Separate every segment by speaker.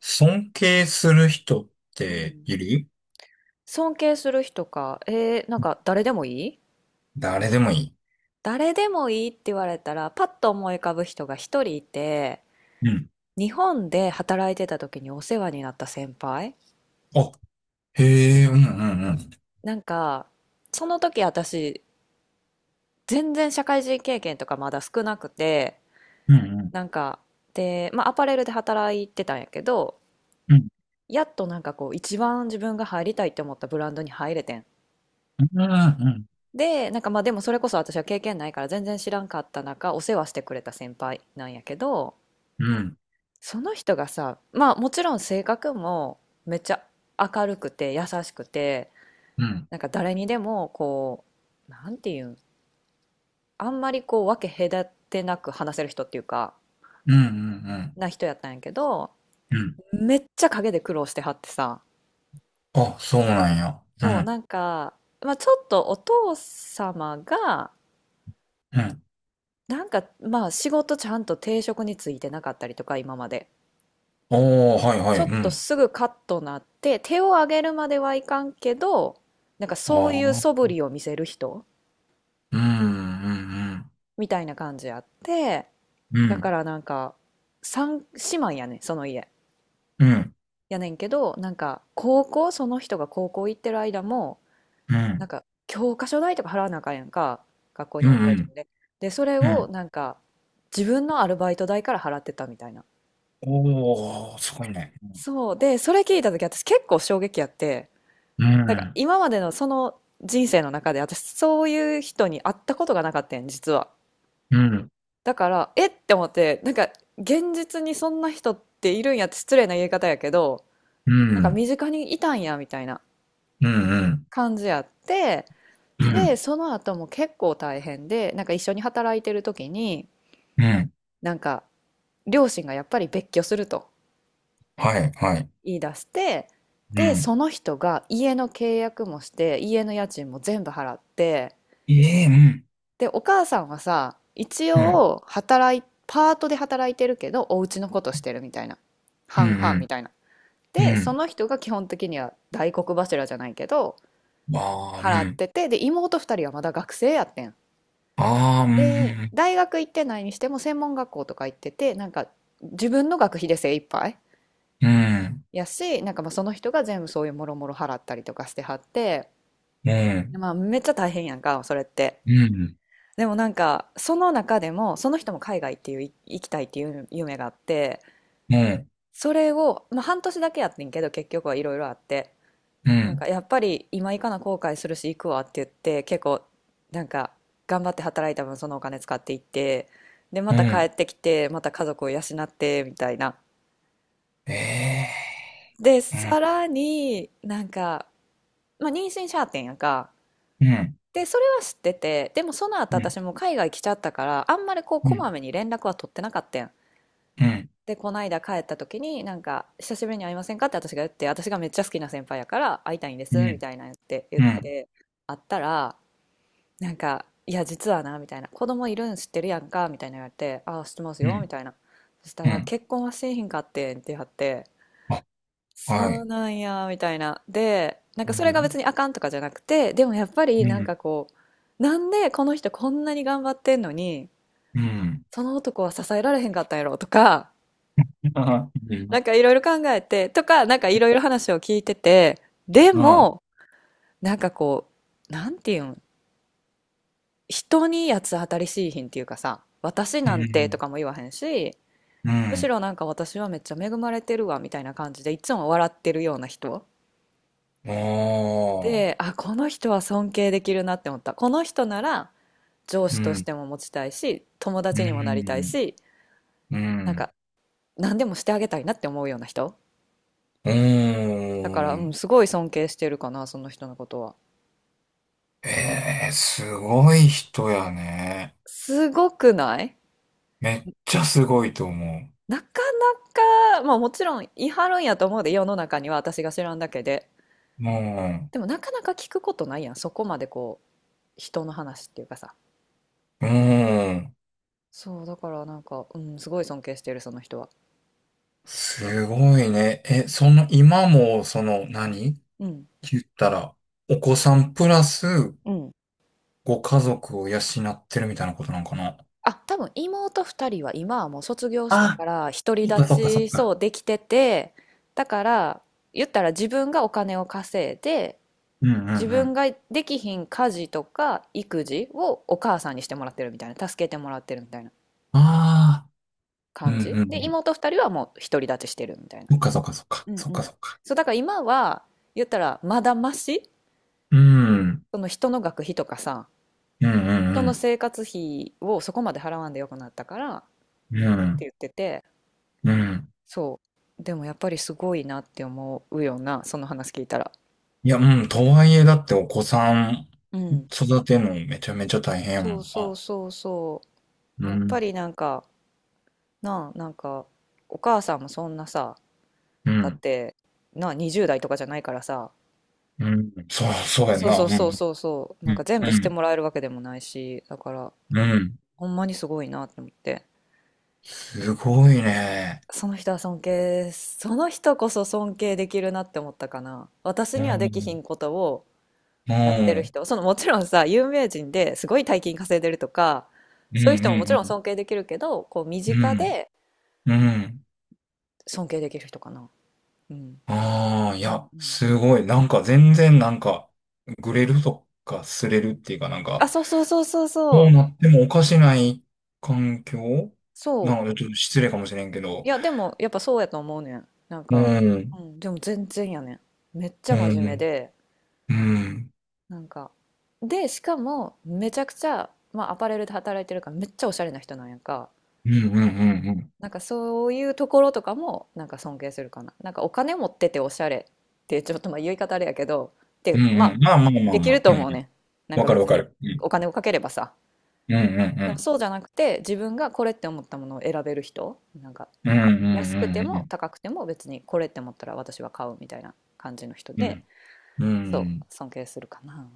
Speaker 1: 尊敬する人っ
Speaker 2: う
Speaker 1: て
Speaker 2: ん、
Speaker 1: いる。
Speaker 2: 尊敬する人か。なんか誰でもいい
Speaker 1: 誰でもいい。
Speaker 2: 誰でもいいって言われたら、パッと思い浮かぶ人が一人いて、
Speaker 1: うん。
Speaker 2: 日本で働いてた時にお世話になった先輩。
Speaker 1: あ、へえ、うんうんうん。
Speaker 2: なんか、その時私、全然社会人経験とかまだ少なくて、
Speaker 1: うんうん。
Speaker 2: なんか、で、まあアパレルで働いてたんやけど、
Speaker 1: うん
Speaker 2: やっとなんかこう、一番自分が入りたいって思ったブランドに入れてん。
Speaker 1: うんうん。
Speaker 2: で、なんかまあでもそれこそ私は経験ないから全然知らんかった中、お世話してくれた先輩なんやけど、
Speaker 1: うん
Speaker 2: その人がさ、まあもちろん性格もめっちゃ明るくて優しくて、
Speaker 1: うんうん。
Speaker 2: なんか誰にでもこう、なんていうん、あんまりこう分け隔てなく話せる人っていうか、
Speaker 1: うんうん。
Speaker 2: な人やったんやけど、
Speaker 1: うん。
Speaker 2: めっちゃ陰で苦労してはってさ。
Speaker 1: あ、そうなんや。う
Speaker 2: そう、
Speaker 1: ん
Speaker 2: なんか、まあちょっとお父様が、
Speaker 1: うん。
Speaker 2: なんかまあ仕事ちゃんと定職についてなかったりとか今まで。
Speaker 1: おー、はいは
Speaker 2: ち
Speaker 1: い。
Speaker 2: ょっ
Speaker 1: う
Speaker 2: と
Speaker 1: ん。
Speaker 2: すぐカッとなって、手を上げるまではいかんけど、なんかそう
Speaker 1: あ
Speaker 2: いう素
Speaker 1: あ。
Speaker 2: 振りを見せる人
Speaker 1: うんうん
Speaker 2: みたいな感じあって、
Speaker 1: うん。う
Speaker 2: だ
Speaker 1: ん
Speaker 2: からなんか、三姉妹やね、その家。
Speaker 1: うん
Speaker 2: やねんけど、なんか、その人が高校行ってる間も、
Speaker 1: う
Speaker 2: なん
Speaker 1: ん。
Speaker 2: か、教科書代とか払わなあかんやんか、学校に
Speaker 1: う
Speaker 2: よ
Speaker 1: ん
Speaker 2: って
Speaker 1: う
Speaker 2: は自分
Speaker 1: ん。
Speaker 2: で。で、それ
Speaker 1: う
Speaker 2: を
Speaker 1: ん。
Speaker 2: なんか、自分のアルバイト代から払ってたみたいな。
Speaker 1: おー、すごいね。
Speaker 2: そう。で、それ聞いた時私結構衝撃やって、
Speaker 1: う
Speaker 2: なんか
Speaker 1: ん
Speaker 2: 今までのその人生の中で私そういう人に会ったことがなかったん実は。
Speaker 1: うん
Speaker 2: だからえって思って、なんか現実にそんな人っているんやって、失礼な言い方やけど、
Speaker 1: う
Speaker 2: なんか
Speaker 1: ん
Speaker 2: 身近にいたんやみたいな
Speaker 1: うんうんうん。
Speaker 2: 感じやって。
Speaker 1: う
Speaker 2: で、
Speaker 1: ん
Speaker 2: その後も結構大変で、なんか一緒に働いてる時に、
Speaker 1: うん。
Speaker 2: なんか両親がやっぱり別居すると
Speaker 1: はいはい。
Speaker 2: 言い出して、
Speaker 1: う
Speaker 2: で、
Speaker 1: ん。
Speaker 2: その人が家の契約もして家の家賃も全部払って、
Speaker 1: ええ、うん。
Speaker 2: で、お母さんはさ、一
Speaker 1: うん。
Speaker 2: 応働い、パートで働いてるけど、お家のことしてるみたいな。
Speaker 1: うん
Speaker 2: 半々みたいな。
Speaker 1: うん。う
Speaker 2: で、そ
Speaker 1: ん。
Speaker 2: の人が基本的には大黒柱じゃないけど、
Speaker 1: ああ、う
Speaker 2: 払っ
Speaker 1: ん。
Speaker 2: てて、で、妹二人はまだ学生やってん。
Speaker 1: ああ、う
Speaker 2: で、
Speaker 1: ん。
Speaker 2: 大学行ってないにしても専門学校とか行ってて、なんか自分の学費で精一杯
Speaker 1: うん。
Speaker 2: やし、なんかまあその人が全部そういうもろもろ払ったりとかしてはって、
Speaker 1: うん。
Speaker 2: まあめっちゃ大変やんか、それって。
Speaker 1: うん。
Speaker 2: でもなんかその中でもその人も海外っていう行きたいっていう夢があって、
Speaker 1: うん。
Speaker 2: それを、まあ、半年だけやってんけど、結局はいろいろあって、
Speaker 1: う
Speaker 2: なんか
Speaker 1: ん。
Speaker 2: やっぱり今行かな後悔するし行くわって言って、結構なんか頑張って働いた分そのお金使っていって、で、ま
Speaker 1: うん。
Speaker 2: た
Speaker 1: う
Speaker 2: 帰
Speaker 1: ん。
Speaker 2: ってきてまた家族を養ってみたいな。
Speaker 1: え
Speaker 2: で
Speaker 1: えー。
Speaker 2: さらになんか、まあ、妊娠しはってんやんか。
Speaker 1: うん。うん。
Speaker 2: でそれは知ってて、でもその後
Speaker 1: うん。
Speaker 2: 私も海外来ちゃったから、あんまりこう
Speaker 1: う
Speaker 2: こ
Speaker 1: ん。
Speaker 2: まめに連絡は取ってなかったん。
Speaker 1: うん。
Speaker 2: で、この間帰った時に、なんか、久しぶりに会いませんかって私が言って、私がめっちゃ好きな先輩やから会いたいんで
Speaker 1: う
Speaker 2: す、み
Speaker 1: ん。
Speaker 2: たいな言って、言っ
Speaker 1: うん。
Speaker 2: て、会ったら、なんか、いや、実はな、みたいな、子供いるん知ってるやんか、みたいな言われて、ああ、知ってます
Speaker 1: う
Speaker 2: よ、み
Speaker 1: ん。
Speaker 2: たいな。そした
Speaker 1: う
Speaker 2: ら、
Speaker 1: ん。
Speaker 2: 結婚はしえへんかってんって言われて、
Speaker 1: あ、は
Speaker 2: そう
Speaker 1: い。
Speaker 2: なんや、みたいな。で、なん
Speaker 1: う
Speaker 2: かそれが別
Speaker 1: ん。
Speaker 2: にあかんとかじゃなくて、でもやっぱ
Speaker 1: う
Speaker 2: りなん
Speaker 1: ん。
Speaker 2: かこう、なんでこの人こんなに頑張ってんのに、
Speaker 1: うん。
Speaker 2: その男は支えられへんかったんやろとか、
Speaker 1: ああ、
Speaker 2: なんかいろいろ考えて、とか、なんかいろいろ話を聞いてて、でも、なんかこう、なんていうん、人に八つ当たりしいひんっていうかさ、私
Speaker 1: う
Speaker 2: なんてと
Speaker 1: ん。
Speaker 2: かも言わへんし、
Speaker 1: う
Speaker 2: むし
Speaker 1: ん。
Speaker 2: ろなんか私はめっちゃ恵まれてるわみたいな感じで、いつも笑ってるような人。
Speaker 1: お
Speaker 2: で、
Speaker 1: ー。
Speaker 2: あ、この人は尊敬できるなって思った。この人なら上
Speaker 1: う
Speaker 2: 司とし
Speaker 1: ん。
Speaker 2: ても持ちたいし、友
Speaker 1: う
Speaker 2: 達にもなりたい
Speaker 1: ん。
Speaker 2: し、
Speaker 1: う
Speaker 2: なん
Speaker 1: ん。
Speaker 2: か何でもしてあげたいなって思うような人。
Speaker 1: うー
Speaker 2: だから、うん、
Speaker 1: ん。
Speaker 2: すごい尊敬してるかな、その人のことは。
Speaker 1: ええー、すごい人やね。
Speaker 2: すごくない？
Speaker 1: めっちゃすごいと思
Speaker 2: なかなか、まあもちろん言い張るんやと思うで、世の中には私が知らんだけで。
Speaker 1: う。も
Speaker 2: でもなかなか聞くことないやん、そこまでこう、人の話っていうかさ。
Speaker 1: う、うん。
Speaker 2: そう、だからなんか、うん、すごい尊敬してる、その人は。
Speaker 1: すごいね。え、その、今も、その、何
Speaker 2: うん、
Speaker 1: 言ったら、お子さんプラス、
Speaker 2: うん。
Speaker 1: ご家族を養ってるみたいなことなんかな。
Speaker 2: あ、多分妹二人は今はもう卒業した
Speaker 1: あ、
Speaker 2: から、独り
Speaker 1: あ、
Speaker 2: 立
Speaker 1: そっかそっ
Speaker 2: ち、そ
Speaker 1: か。
Speaker 2: う、できてて、だから、言ったら自分がお金を稼いで、
Speaker 1: うんうん
Speaker 2: 自
Speaker 1: う
Speaker 2: 分
Speaker 1: ん。
Speaker 2: ができひん家事とか育児をお母さんにしてもらってるみたいな、助けてもらってるみたいな。
Speaker 1: ああ、うん
Speaker 2: 感
Speaker 1: う
Speaker 2: じ
Speaker 1: んう
Speaker 2: で
Speaker 1: ん。
Speaker 2: 妹2人はもう独り立ちしてるみたいな。
Speaker 1: そっかそっかそっか。
Speaker 2: うん
Speaker 1: そっ
Speaker 2: う
Speaker 1: か
Speaker 2: ん。
Speaker 1: そっか。
Speaker 2: そうだから今は言ったらまだマシ、
Speaker 1: うん。うん
Speaker 2: その人の学費とかさ、
Speaker 1: う
Speaker 2: 人の
Speaker 1: ん
Speaker 2: 生活費をそこまで払わんでよくなったからっ
Speaker 1: うん。う
Speaker 2: て
Speaker 1: ん。
Speaker 2: 言ってて。
Speaker 1: うん。
Speaker 2: そうでもやっぱりすごいなって思うようなその話聞いたら。
Speaker 1: いや、うん。とはいえ、だってお子さん
Speaker 2: うん。
Speaker 1: 育てるのめちゃめちゃ大変やも
Speaker 2: そう
Speaker 1: ん
Speaker 2: そう
Speaker 1: な。
Speaker 2: そうそう、
Speaker 1: う
Speaker 2: やっ
Speaker 1: ん。
Speaker 2: ぱりなんかなあ、なんかお母さんもそんなさ、
Speaker 1: う
Speaker 2: だっ
Speaker 1: ん。
Speaker 2: てなあ20代とかじゃないからさ、
Speaker 1: うん。そう、そうやん
Speaker 2: そう
Speaker 1: な。
Speaker 2: そ
Speaker 1: う
Speaker 2: う
Speaker 1: ん。
Speaker 2: そうそうそう。
Speaker 1: う
Speaker 2: なんか
Speaker 1: ん。
Speaker 2: 全部してもらえるわけでもないし、だから、
Speaker 1: うん。うん。
Speaker 2: ほんまにすごいなって思って。
Speaker 1: すごいね。
Speaker 2: その人は尊敬、その人こそ尊敬できるなって思ったかな。私
Speaker 1: う
Speaker 2: にはできひ
Speaker 1: ん。
Speaker 2: んことを
Speaker 1: う
Speaker 2: やってる
Speaker 1: ん。
Speaker 2: 人、そのもちろんさ、有名人ですごい大金稼いでるとか、
Speaker 1: うん。
Speaker 2: そういう人ももち
Speaker 1: う
Speaker 2: ろん
Speaker 1: ん。
Speaker 2: 尊敬できるけど、こう身
Speaker 1: う
Speaker 2: 近
Speaker 1: ん。
Speaker 2: で
Speaker 1: うん。うん。
Speaker 2: 尊敬できる人かな。うん。
Speaker 1: ああ、い
Speaker 2: うん
Speaker 1: や、
Speaker 2: うん。
Speaker 1: すごい。なんか全然なんか、ぐれるとか、すれるっていうかなん
Speaker 2: あ、
Speaker 1: か、
Speaker 2: そうそうそうそうそ
Speaker 1: どう
Speaker 2: う。
Speaker 1: なってもおかしない環境
Speaker 2: そう。
Speaker 1: なので、ちょっと失礼かもしれんけ
Speaker 2: い
Speaker 1: ど。
Speaker 2: や、でも、やっぱそうやと思うねん。なん
Speaker 1: う
Speaker 2: か、
Speaker 1: ん。
Speaker 2: うん、でも全然やねん。めっち
Speaker 1: う
Speaker 2: ゃ真
Speaker 1: ん。
Speaker 2: 面目で、
Speaker 1: うん。うん。
Speaker 2: なんか、で、しかも、めちゃくちゃ、まあ、アパレルで働いてるから、めっちゃおしゃれな人なんやんか。
Speaker 1: うん。うん。
Speaker 2: なんか、そういうところとかも、なんか尊敬するかな。なんか、お金持ってておしゃれって、ちょっとまあ、言い方あれやけど、
Speaker 1: う
Speaker 2: で、
Speaker 1: ん。
Speaker 2: ま
Speaker 1: う
Speaker 2: あ、
Speaker 1: ん。まあまあま
Speaker 2: で
Speaker 1: あ
Speaker 2: きる
Speaker 1: ま
Speaker 2: と
Speaker 1: あ。う
Speaker 2: 思うね
Speaker 1: ん。
Speaker 2: ん。なん
Speaker 1: わ
Speaker 2: か
Speaker 1: かるわ
Speaker 2: 別
Speaker 1: か
Speaker 2: に、
Speaker 1: る。うん。
Speaker 2: お金をかければさ。
Speaker 1: うん。うん。う
Speaker 2: でも
Speaker 1: ん
Speaker 2: そうじゃなくて、自分がこれって思ったものを選べる人、なんか、
Speaker 1: うんう
Speaker 2: 安く
Speaker 1: ん
Speaker 2: て
Speaker 1: う
Speaker 2: も
Speaker 1: ん
Speaker 2: 高くても別にこれって思ったら私は買うみたいな感じの人
Speaker 1: う
Speaker 2: で、
Speaker 1: んうん。う
Speaker 2: そう、
Speaker 1: ん。
Speaker 2: 尊敬するかな。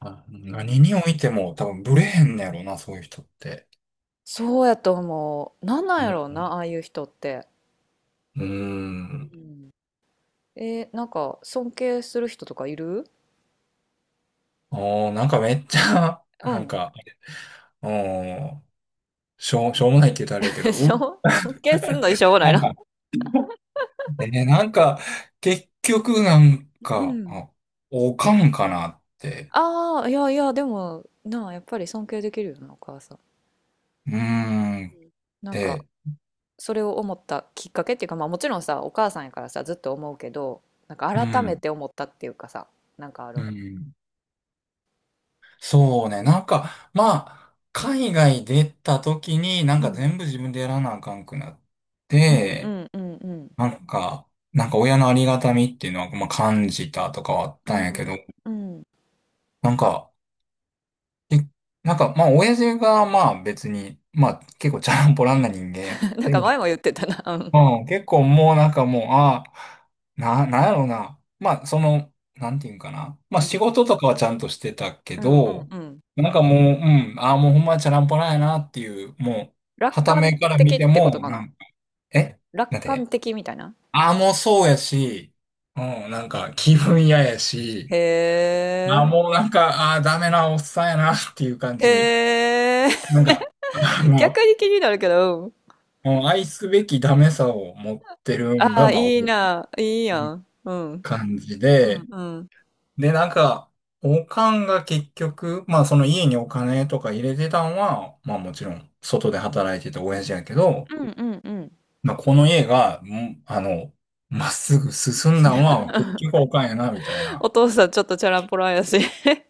Speaker 1: あ、
Speaker 2: う
Speaker 1: 何
Speaker 2: ん。
Speaker 1: においても多分ブレへんねやろな、そういう人って。
Speaker 2: そうやと思う。なんなん
Speaker 1: う
Speaker 2: やろう
Speaker 1: ん。
Speaker 2: な、ああいう人って。
Speaker 1: うん。
Speaker 2: うん。なんか尊敬する人とかいる
Speaker 1: おー、なんかめっちゃ、
Speaker 2: う
Speaker 1: なん
Speaker 2: ん。
Speaker 1: か、おー、しょうもないって言ったらあれや け
Speaker 2: で
Speaker 1: ど、
Speaker 2: しょ尊敬すんのにしょうがない
Speaker 1: なん
Speaker 2: な。
Speaker 1: か、なんか、結局なん
Speaker 2: う
Speaker 1: か、
Speaker 2: ん。
Speaker 1: あ、おかんかなって。
Speaker 2: ああ、いやいや、でも、なあ、やっぱり尊敬できるよな、お母さん。
Speaker 1: うーん。
Speaker 2: なんか、
Speaker 1: で、
Speaker 2: それを思ったきっかけっていうか、まあもちろんさ、お母さんやからさ、ずっと思うけど、なんか
Speaker 1: う
Speaker 2: 改め
Speaker 1: ん。
Speaker 2: て思ったっていうかさ、なんかある。
Speaker 1: うん。そうね。なんか、まあ、海外出た時になんか全部自分でやらなあかんくなっ
Speaker 2: うんう
Speaker 1: て、
Speaker 2: んうんうん。
Speaker 1: なんか、なんか親のありがたみっていうのは、まあ、感じたとかはあっ
Speaker 2: う
Speaker 1: たんやけ
Speaker 2: ん。
Speaker 1: ど、
Speaker 2: うん
Speaker 1: なんか、えなんか、まあ、親父がまあ別に、まあ結構チャランポランな人間やっ
Speaker 2: なんか前も
Speaker 1: て、
Speaker 2: 言ってたな。うん。
Speaker 1: うん、結構もうなんかもう、ああ、なんやろうな。まあ、その、なんていうんかな。まあ、
Speaker 2: うん。
Speaker 1: 仕事とかはちゃんとしてたけ
Speaker 2: うんうん
Speaker 1: ど、
Speaker 2: うん。
Speaker 1: なんかもう、うん、ああ、もうほんまにチャランポラんやなっていう、もう、
Speaker 2: 楽
Speaker 1: 傍
Speaker 2: 観
Speaker 1: 目から
Speaker 2: 的
Speaker 1: 見て
Speaker 2: ってこと
Speaker 1: も、
Speaker 2: か
Speaker 1: な
Speaker 2: な。
Speaker 1: んか、えな
Speaker 2: 楽
Speaker 1: ん
Speaker 2: 観
Speaker 1: て、
Speaker 2: 的みたいな。
Speaker 1: ああ、もうそうやし、うん、なんか気分嫌やし、
Speaker 2: へ
Speaker 1: ああ、もうなんか、ああ、ダメなおっさんやなっていう感
Speaker 2: え。
Speaker 1: じ。
Speaker 2: へえ。
Speaker 1: なんか、あ
Speaker 2: 逆
Speaker 1: の、
Speaker 2: に気になるけど、うん。
Speaker 1: もう愛すべきダメさを持ってるん
Speaker 2: あ
Speaker 1: が、
Speaker 2: あ、
Speaker 1: まあ、
Speaker 2: いいな。いいやん。うん。
Speaker 1: 感じ
Speaker 2: うん
Speaker 1: で、
Speaker 2: うん。
Speaker 1: で、なんか、おかんが結局、まあその家にお金とか入れてたんは、まあもちろん外で働いてた親父やけど、
Speaker 2: うんうんうん。
Speaker 1: まあこの家が、んあの、まっすぐ進んだんは結局おかんやな、みたいな。
Speaker 2: お父さんちょっとチャランポランやし。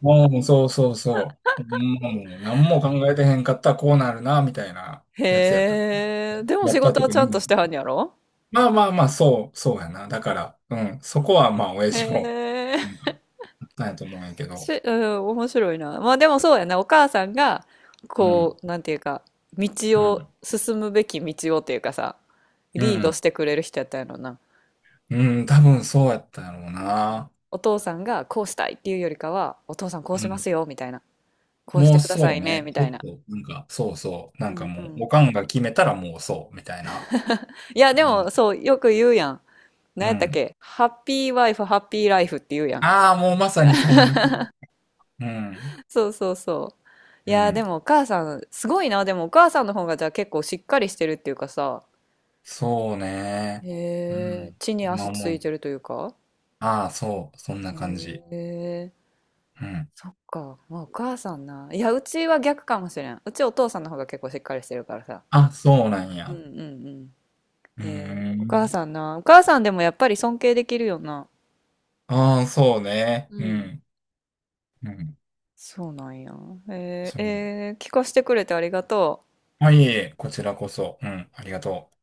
Speaker 1: もうそうそうそう。もう何も考えてへんかったらこうなるな、みたいなやつやった
Speaker 2: へえ。
Speaker 1: や
Speaker 2: でも
Speaker 1: や
Speaker 2: 仕
Speaker 1: った
Speaker 2: 事は
Speaker 1: 時
Speaker 2: ちゃんと
Speaker 1: に、
Speaker 2: してはんやろ？
Speaker 1: まあまあまあ、そう、そうやな。だから、うん、そこはまあ親
Speaker 2: へ
Speaker 1: 父も、うん、
Speaker 2: え。
Speaker 1: あったんやと思うんやけ
Speaker 2: し、
Speaker 1: ど、
Speaker 2: うん、面白いな。まあでもそうやな。お母さんが、
Speaker 1: う
Speaker 2: こ
Speaker 1: ん、
Speaker 2: う、なんていうか、道
Speaker 1: うん、
Speaker 2: 進むべき道をっていうかさ、
Speaker 1: う
Speaker 2: リードし
Speaker 1: ん。
Speaker 2: てくれる人やったんやろな。
Speaker 1: うん、多分そうやったやろう
Speaker 2: なんか、
Speaker 1: な。
Speaker 2: お父さんがこうしたいっていうよりかは、お父さんこう
Speaker 1: う
Speaker 2: しま
Speaker 1: ん。
Speaker 2: すよ、みたいな。こうし
Speaker 1: も
Speaker 2: て
Speaker 1: う
Speaker 2: くださ
Speaker 1: そう
Speaker 2: いね、
Speaker 1: ね。
Speaker 2: み
Speaker 1: ち
Speaker 2: たい
Speaker 1: ょっ
Speaker 2: な。
Speaker 1: と、なんか、そうそう。な
Speaker 2: う
Speaker 1: んか
Speaker 2: んう
Speaker 1: もう、
Speaker 2: ん。
Speaker 1: おかんが決めたらもうそう、みたいな。
Speaker 2: いや、で
Speaker 1: うん。
Speaker 2: も、そう、よく言うやん。
Speaker 1: う
Speaker 2: 何やったっ
Speaker 1: ん。
Speaker 2: けハッピーワイフ、ハッピーライフって言うやん。
Speaker 1: ああ、もうまさにそんな感じ。うん。
Speaker 2: そうそうそう。い
Speaker 1: う
Speaker 2: やー、で
Speaker 1: ん。
Speaker 2: もお母さん、すごいな。でもお母さんの方がじゃあ結構しっかりしてるっていうかさ、
Speaker 1: そうね。う
Speaker 2: へえ、
Speaker 1: ん。
Speaker 2: 地に
Speaker 1: 今
Speaker 2: 足つ
Speaker 1: 思
Speaker 2: い
Speaker 1: う。
Speaker 2: てるというか。
Speaker 1: ああ、そう。そんな
Speaker 2: へ
Speaker 1: 感じ。
Speaker 2: え、
Speaker 1: うん。
Speaker 2: そっか。まあ、お母さんな。いや、うちは逆かもしれん。うちお父さんの方が結構しっかりしてるからさ。
Speaker 1: あ、そうなん
Speaker 2: うんうん
Speaker 1: や。
Speaker 2: うん。
Speaker 1: うー
Speaker 2: お母
Speaker 1: ん。
Speaker 2: さんな。お母さんでもやっぱり尊敬できるよな。
Speaker 1: ああ、そうね。
Speaker 2: う
Speaker 1: う
Speaker 2: ん。
Speaker 1: ん。うん。
Speaker 2: そうなんや。
Speaker 1: そう。
Speaker 2: 聞かせてくれてありがとう。
Speaker 1: はいえいえ、こちらこそ。うん。ありがとう。